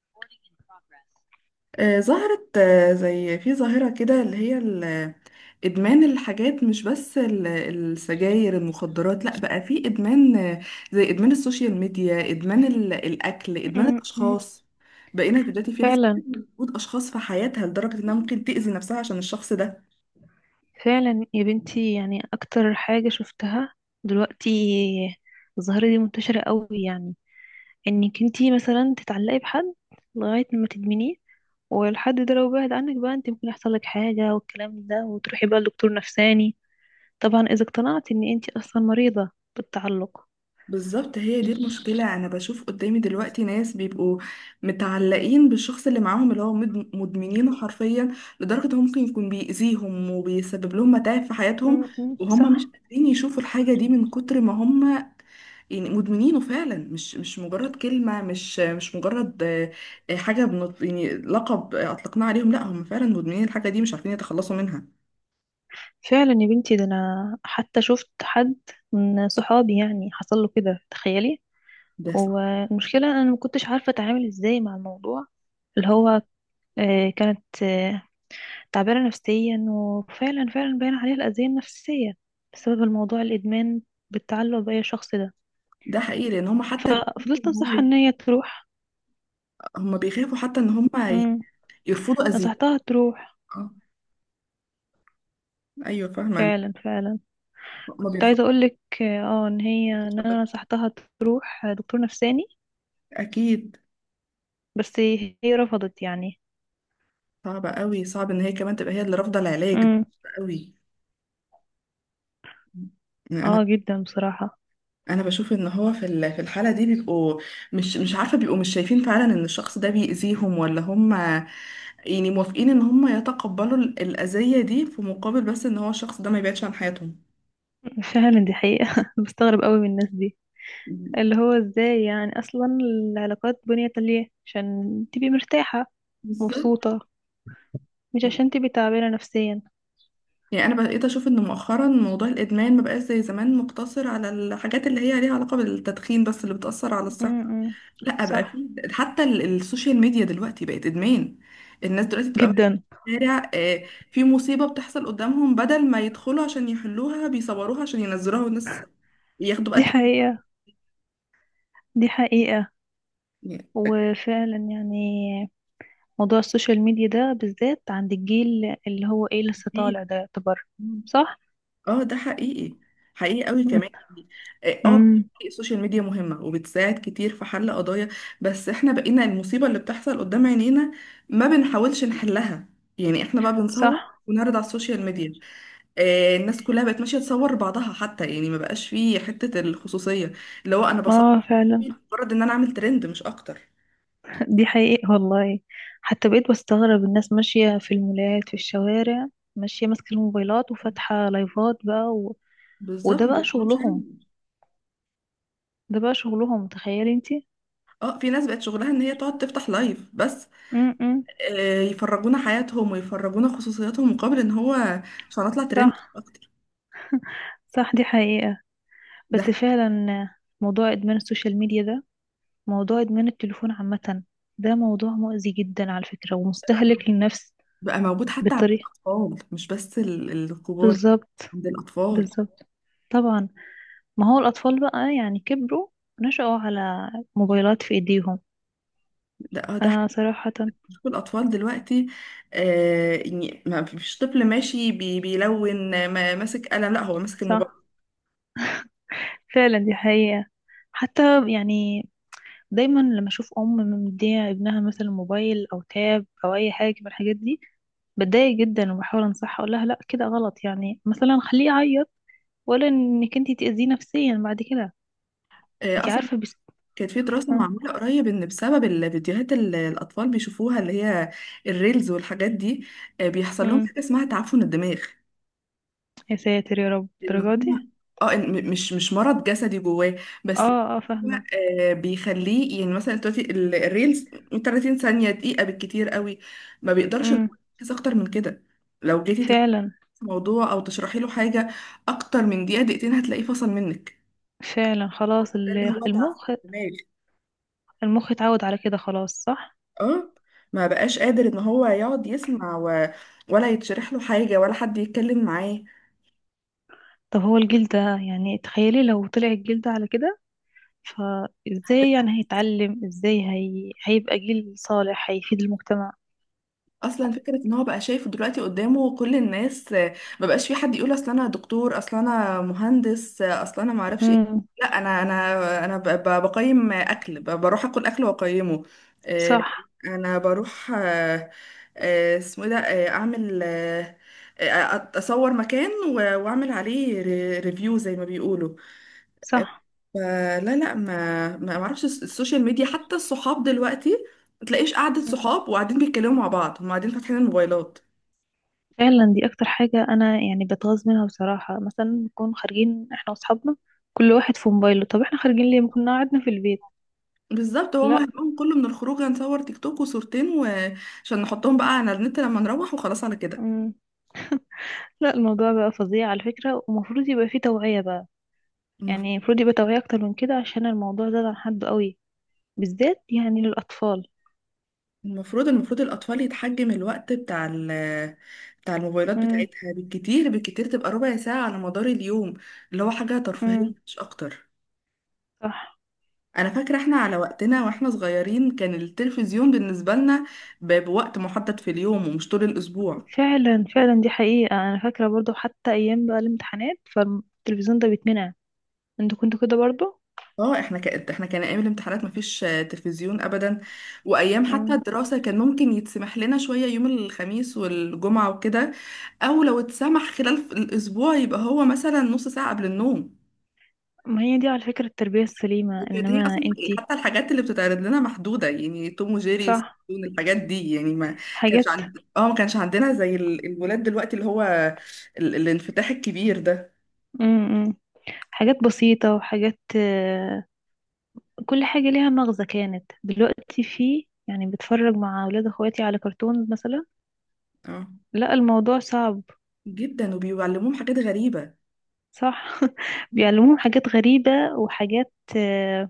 Recording in progress. ظهرت زي في ظاهرة كده اللي هي إدمان الحاجات، مش بس السجاير المخدرات، لأ بقى في إدمان زي إدمان السوشيال ميديا، إدمان الأكل، إدمان م- م. الأشخاص. بقينا دلوقتي في ناس فعلا بتدمن وجود أشخاص في حياتها لدرجة إنها ممكن تأذي نفسها عشان الشخص ده. فعلا يا بنتي، يعني اكتر حاجة شفتها دلوقتي الظاهرة دي منتشرة قوي، يعني انك انتي مثلا تتعلقي بحد لغاية ما تدمنيه، والحد ده لو بعد عنك بقى انت ممكن يحصل لك حاجة والكلام ده، وتروحي بقى لدكتور نفساني، طبعا اذا اقتنعت ان انتي اصلا مريضة بالتعلق. بالظبط هي دي المشكلة. أنا بشوف قدامي دلوقتي ناس بيبقوا متعلقين بالشخص اللي معاهم، اللي هو مدمنينه حرفيا، لدرجة إنه ممكن يكون بيأذيهم وبيسبب لهم متاعب في حياتهم، م- م. وهم مش صح. قادرين يشوفوا الحاجة دي من كتر ما هم يعني مدمنينه فعلا. مش مجرد كلمة، مش مجرد حاجة بنط، يعني لقب أطلقناه عليهم، لا هم فعلا مدمنين الحاجة دي، مش عارفين يتخلصوا منها. فعلا يا بنتي، ده انا حتى شفت حد من صحابي يعني حصل له كده، تخيلي. ده صح. والمشكلة أنا ما كنتش عارفة أتعامل إزاي مع الموضوع، اللي هو كانت تعبانة نفسيا، وفعلا فعلا باين عليها الأذية النفسية بسبب الموضوع، الإدمان بالتعلق بأي شخص ده. ده حقيقي، لأن هم حتى بيخافوا ففضلت إن هو أنصحها إن هي تروح. هم بيخافوا حتى إن هم مم. يرفضوا أذية. نصحتها تروح. اه، ايوه، فاهمه. فعلا فعلا ما كنت بيرفض. عايزة أقولك، إن هي إن أنا اتفضلي. نصحتها تروح دكتور نفساني، اكيد. بس هي رفضت يعني. صعبه قوي، صعب ان هي كمان تبقى هي اللي رافضه العلاج ده. مم. صعب قوي. انا اه جدا بصراحة. انا بشوف ان هو في الحاله دي بيبقوا مش عارفه، بيبقوا مش شايفين فعلا ان الشخص ده بيأذيهم، ولا هم يعني موافقين ان هم يتقبلوا الأذية دي في مقابل بس ان هو الشخص ده ما يبعدش عن حياتهم. فعلا دي حقيقة بستغرب قوي من الناس دي، اللي هو ازاي يعني اصلا العلاقات بنيت ليه؟ عشان تبقي مرتاحة بالظبط. مبسوطة، مش عشان تبقي تعبانة نفسيا. يعني انا بقيت اشوف ان مؤخرا موضوع الادمان ما بقاش زي زمان مقتصر على الحاجات اللي هي ليها علاقه بالتدخين بس، اللي بتاثر على الصحه. امم لا، بقى صح. في حتى السوشيال ميديا دلوقتي بقت ادمان. الناس دلوقتي بتبقى ماشيه جدا. في الشارع، في مصيبه بتحصل قدامهم، بدل ما يدخلوا عشان يحلوها، بيصوروها عشان ينزلوها والناس ياخدوا بقى دي التقييم. حقيقة. دي حقيقة. يعني وفعلا يعني موضوع السوشيال ميديا ده بالذات عند الجيل اللي هو ايه لسه كتير. طالع ده يعتبر صح. اه، ده حقيقي. حقيقي قوي كمان، يعني اه امم بيبقى السوشيال ميديا مهمة وبتساعد كتير في حل قضايا، بس احنا بقينا المصيبة اللي بتحصل قدام عينينا ما بنحاولش نحلها، يعني احنا بقى بنصور صح. ونعرض على السوشيال ميديا. آه، الناس كلها بقت ماشية تصور بعضها حتى، يعني ما بقاش فيه حتة الخصوصية، اللي هو انا بصور اه فعلا، مجرد ان انا اعمل ترند مش اكتر. دي حقيقة والله. حتى بقيت بستغرب الناس ماشية في المولات في الشوارع، ماشية ماسكة الموبايلات وفاتحة لايفات بقى بالظبط وده ما بقى بيفهموش شغلهم. يعني. ده بقى شغلهم، تخيلي انتي. اه، في ناس بقت شغلها ان هي تقعد تفتح لايف بس، امم يفرجونا حياتهم ويفرجونا خصوصياتهم، مقابل ان هو عشان اطلع ترند صح. اكتر. صح دي حقيقة. بس ده فعلا موضوع إدمان السوشيال ميديا ده، موضوع إدمان التليفون عامة، ده موضوع مؤذي جدا على فكرة، ومستهلك للنفس بقى موجود حتى عند بطريقة. الاطفال، مش بس الكبار، بالظبط. عند الاطفال. بالظبط. طبعا، ما هو الأطفال بقى يعني كبروا، نشأوا على موبايلات في إيديهم. لا، ده حتى آه صراحة. شوف الاطفال دلوقتي، آه يعني ما فيش طفل ماشي بيلون ما ماسك قلم، لا هو ماسك الموبايل. صح فعلا، دي حقيقة. حتى يعني دايما لما أشوف أم مدية ابنها مثلا موبايل أو تاب أو أي حاجة من الحاجات دي، بتضايق جدا، وبحاول أنصحها أقول لها لأ، كده غلط يعني، مثلا خليه يعيط ولا إنك أنتي تأذيه نفسيا بعد كده، آه أنتي اصلا عارفة بس. كانت في دراسة آه. معمولة قريب ان بسبب الفيديوهات اللي الاطفال بيشوفوها، اللي هي الريلز والحاجات دي، آه بيحصل لهم أمم. حاجة اسمها تعفن الدماغ. يا ساتر يا رب، ان الدرجة دي؟ هو اه، إن مش مرض جسدي جواه، بس اه اه هو فاهمة. بيخليه يعني مثلا دلوقتي الريلز 30 ثانية دقيقة بالكتير قوي، ما بيقدرش إن أمم. هو يركز اكتر من كده. لو جيتي تكتبي فعلا موضوع او تشرحي له حاجة اكتر من دقيقة دقيقتين هتلاقيه فصل منك. فعلا، هو خلاص ده اللي هو تعب في المخ، الدماغ. المخ اتعود على كده خلاص، صح. اه، ما بقاش قادر ان هو يقعد يسمع و... ولا يتشرح له حاجة ولا حد يتكلم معاه. طب هو الجيل ده، يعني تخيلي لو طلع الجيل ده على كده، فازاي يعني هيتعلم؟ هيبقى جيل صالح هيفيد المجتمع؟ اصلا فكره ان هو بقى شايف دلوقتي قدامه كل الناس، ما بقاش في حد يقول اصل انا دكتور، اصل انا مهندس، اصل انا ما اعرفش ايه. امم لا انا بقيم اكل، بروح اكل واقيمه، آه، صح. انا بروح اسمه إيه ده، اعمل اصور مكان و- واعمل عليه ريفيو زي ما بيقولوا. صح. فلا لا ما اعرفش السوشيال ميديا، حتى الصحاب دلوقتي ما تلاقيش قعدة مم. صحاب وقاعدين بيتكلموا مع بعض، هم قاعدين فاتحين الموبايلات. فعلا، دي اكتر حاجة انا يعني بتغاظ منها بصراحة، مثلا نكون خارجين احنا واصحابنا كل واحد في موبايله، طب احنا خارجين ليه؟ ما كنا قعدنا في البيت. بالظبط، هو لا. همهم كله من الخروج هنصور تيك توك وصورتين وعشان نحطهم بقى على النت لما نروح، وخلاص على كده. مم. لا، الموضوع بقى فظيع على فكرة، ومفروض يبقى فيه توعية بقى. يعني المف- المفروض يبقى توعية اكتر من كده، عشان الموضوع زاد عن حده قوي، بالذات يعني للأطفال. المفروض الأطفال يتحجم الوقت بتاع بتاع الموبايلات امم. بتاعتها، بالكتير بالكتير تبقى ربع ساعة على مدار اليوم، اللي هو حاجة ترفيهية امم. مش أكتر. صح. انا فاكره احنا على وقتنا واحنا صغيرين كان التلفزيون بالنسبه لنا بوقت محدد في اليوم ومش طول الاسبوع. فعلا فعلا، دي حقيقة. أنا فاكرة برضو حتى أيام بقى الامتحانات فالتلفزيون ده بيتمنع. انتوا كنتوا كده برضو؟ اه، احنا كان احنا كان ايام الامتحانات مفيش تلفزيون ابدا، وايام حتى امم الدراسه كان ممكن يتسمح لنا شويه يوم الخميس والجمعه وكده، او لو اتسمح خلال الاسبوع يبقى هو مثلا نص ساعه قبل النوم، ما هي دي على فكرة التربية السليمة، كانت هي انما اصلا. يعني انتي حتى الحاجات اللي بتتعرض لنا محدوده، يعني توم وجيري صح، سبون الحاجات دي، يعني ما كانش حاجات. عند اه، ما كانش عندنا زي الولاد دلوقتي اللي هو الانفتاح الكبير ده. امم امم، حاجات بسيطة وحاجات، كل حاجة ليها مغزى كانت. دلوقتي في يعني بتفرج مع أولاد أخواتي على كرتون مثلا، اه لا الموضوع صعب. جدا، وبيعلموهم حاجات غريبه. صح. بيعلموهم حاجات غريبة وحاجات،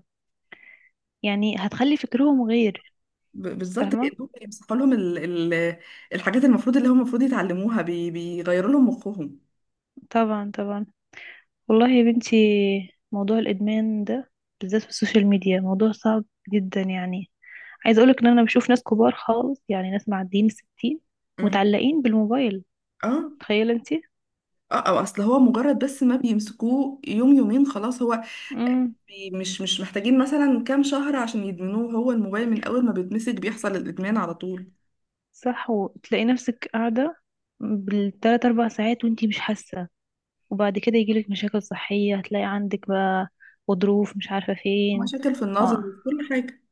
يعني هتخلي فكرهم غير. بالظبط فاهمة؟ كانهم بيمسحوا لهم ال... الحاجات المفروض اللي هم المفروض يتعلموها، بيغيروا لهم مخهم. طبعا طبعا. والله يا بنتي، موضوع الإدمان ده بالذات في السوشيال ميديا موضوع صعب جدا يعني. عايزة أقولك إن أنا بشوف ناس كبار خالص، يعني ناس معديين الـ60 مم. متعلقين بالموبايل، اه تخيلي انتي. اه، أو اصل هو مجرد بس ما بيمسكوه يوم يومين خلاص، هو امم مش محتاجين مثلا كام شهر عشان يدمنوه، هو الموبايل من اول ما بيتمسك بيحصل الادمان على طول. صح. وتلاقي نفسك قاعدة بالـ3 4 ساعات وانتي مش حاسة، وبعد كده يجيلك مشاكل صحية، هتلاقي عندك بقى غضروف مش عارفة فين، مشاكل في النظر وفي كل حاجة.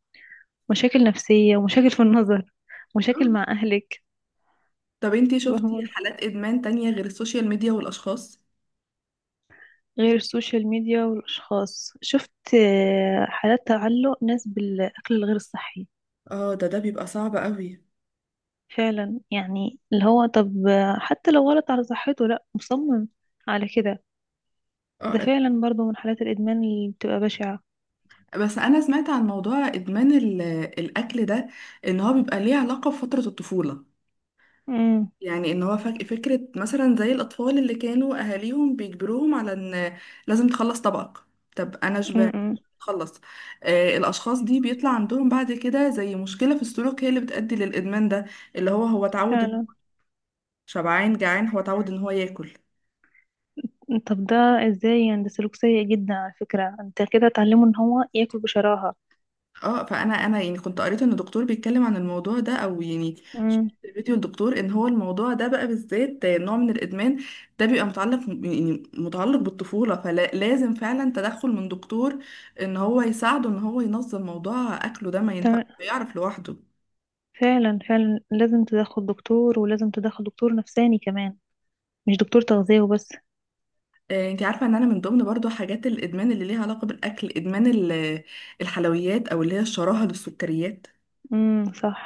مشاكل نفسية ومشاكل في النظر، مشاكل مع آه. أهلك. طب انتي شفتي فاهمة؟ حالات ادمان تانية غير السوشيال ميديا والاشخاص؟ غير السوشيال ميديا والأشخاص، شفت حالات تعلق ناس بالأكل الغير الصحي. اه، ده بيبقى صعب قوي. فعلا يعني اللي هو، طب حتى لو غلط على صحته لأ، مصمم على كده. ده اه، فعلا برضو من حالات الإدمان اللي بتبقى بشعة. بس انا سمعت عن موضوع ادمان الاكل ده ان هو بيبقى ليه علاقة بفترة الطفولة، امم. يعني ان هو فكرة مثلا زي الأطفال اللي كانوا أهاليهم بيجبروهم على ان لازم تخلص طبقك، طب أنا شبعت، امم. خلص، آه الأشخاص دي بيطلع عندهم بعد كده زي مشكلة في السلوك هي اللي بتؤدي للإدمان ده، اللي هو هو اتعود فعلا. شبعان جعان هو اتعود ان هو ياكل. طب ده ازاي يعني؟ ده سلوك سيء جدا على فكرة، انت كده تعلمه ان هو ياكل بشراهة. اه، فانا انا يعني كنت قريت ان الدكتور بيتكلم عن الموضوع ده، او يعني شفت امم فيديو الدكتور ان هو الموضوع ده بقى بالذات نوع من الادمان، ده بيبقى متعلق، يعني متعلق بالطفوله، فلازم فعلا تدخل من دكتور ان هو يساعده ان هو ينظم موضوع اكله ده، ما ينفع ما يعرف لوحده. فعلا فعلا، لازم تدخل دكتور، ولازم تدخل دكتور نفساني كمان، مش دكتور تغذية وبس. انت عارفه ان انا من ضمن برضو حاجات الادمان اللي ليها علاقه بالاكل ادمان الحلويات او اللي هي الشراهه للسكريات، صح.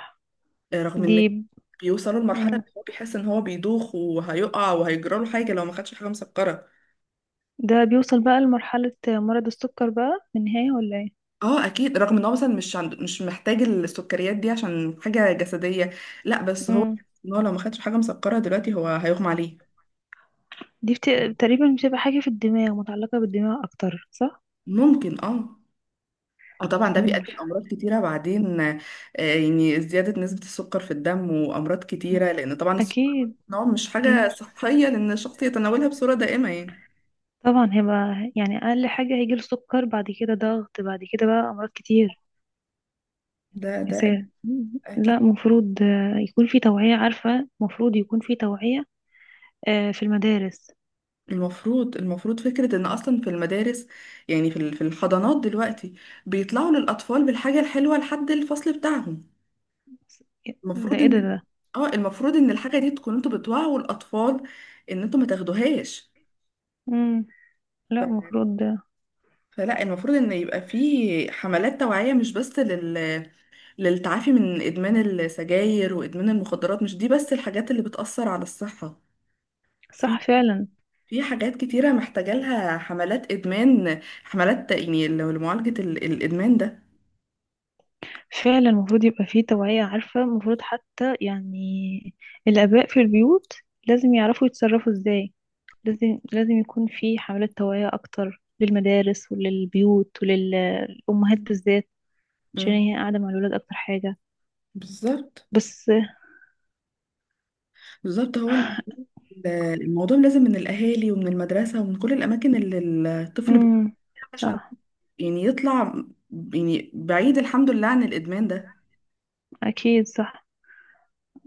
رغم دي ان بيوصلوا لمرحلة مم. ان هو بيحس ان هو بيدوخ وهيقع وهيجراله حاجة لو ما خدش حاجة مسكرة. ده بيوصل بقى لمرحلة مرض السكر بقى في النهاية ولا ايه؟ اه اكيد، رغم ان هو مثلا مش محتاج السكريات دي عشان حاجة جسدية، لا بس هو امم ان هو لو ما خدش حاجة مسكرة دلوقتي هو هيغمى عليه. دي بت... تقريبا بتبقى حاجة في الدماغ، متعلقة بالدماغ أكتر، صح؟ ممكن اه. اه طبعا ده مم. بيؤدي لامراض كتيره بعدين، يعني زياده نسبه السكر في الدم وامراض كتيره، لان طبعا السكر أكيد. نوع مش حاجه مم. صحيه لان الشخص يتناولها بصوره دائمه يعني. طبعا هيبقى، يعني أقل حاجة هيجيله سكر، بعد كده ضغط، بعد كده بقى أمراض كتير. ده يا ده ساتر. لا اكيد. مفروض يكون في توعية، عارفة؟ مفروض يكون في توعية آه في المدارس. المفروض فكرة ان اصلا في المدارس، يعني في الحضانات دلوقتي بيطلعوا للاطفال بالحاجة الحلوة لحد الفصل بتاعهم، ده المفروض ايه ده ان ده اه المفروض ان الحاجة دي تكون انتوا بتوعوا الاطفال ان انتوا ما تاخدوهاش. مم. لا، ف- المفروض ده فلا المفروض ان يبقى في حملات توعية مش بس للتعافي من ادمان السجاير وادمان المخدرات، مش دي بس الحاجات اللي بتأثر على الصحة، صح فعلا. في حاجات كتيرة محتاجة لها حملات إدمان، حملات يعني لو لمعالجة الإدمان ده. فعلا المفروض يبقى فيه توعية، عارفة؟ المفروض حتى يعني الآباء في البيوت لازم يعرفوا يتصرفوا ازاي. لازم يكون في حملات توعية أكتر للمدارس وللبيوت وللأمهات بالذات، عشان مم. هي قاعدة مع الولاد أكتر حاجة. بالظبط. بس. بالظبط هو الموضوع لازم من الأهالي ومن المدرسة ومن كل الأماكن اللي الطفل بيروحها امم عشان صح. يعني يطلع يعني بعيد الحمد لله عن الإدمان ده. أكيد صح.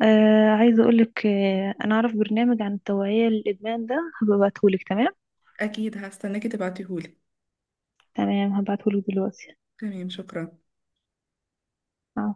آه عايزة أقولك، آه أنا أعرف برنامج عن التوعية للإدمان ده، هبقى أبعتهولك. تمام. أكيد هستناكي تبعتيهولي. تمام، هبعتهولك دلوقتي. تمام، شكرا. عفوا.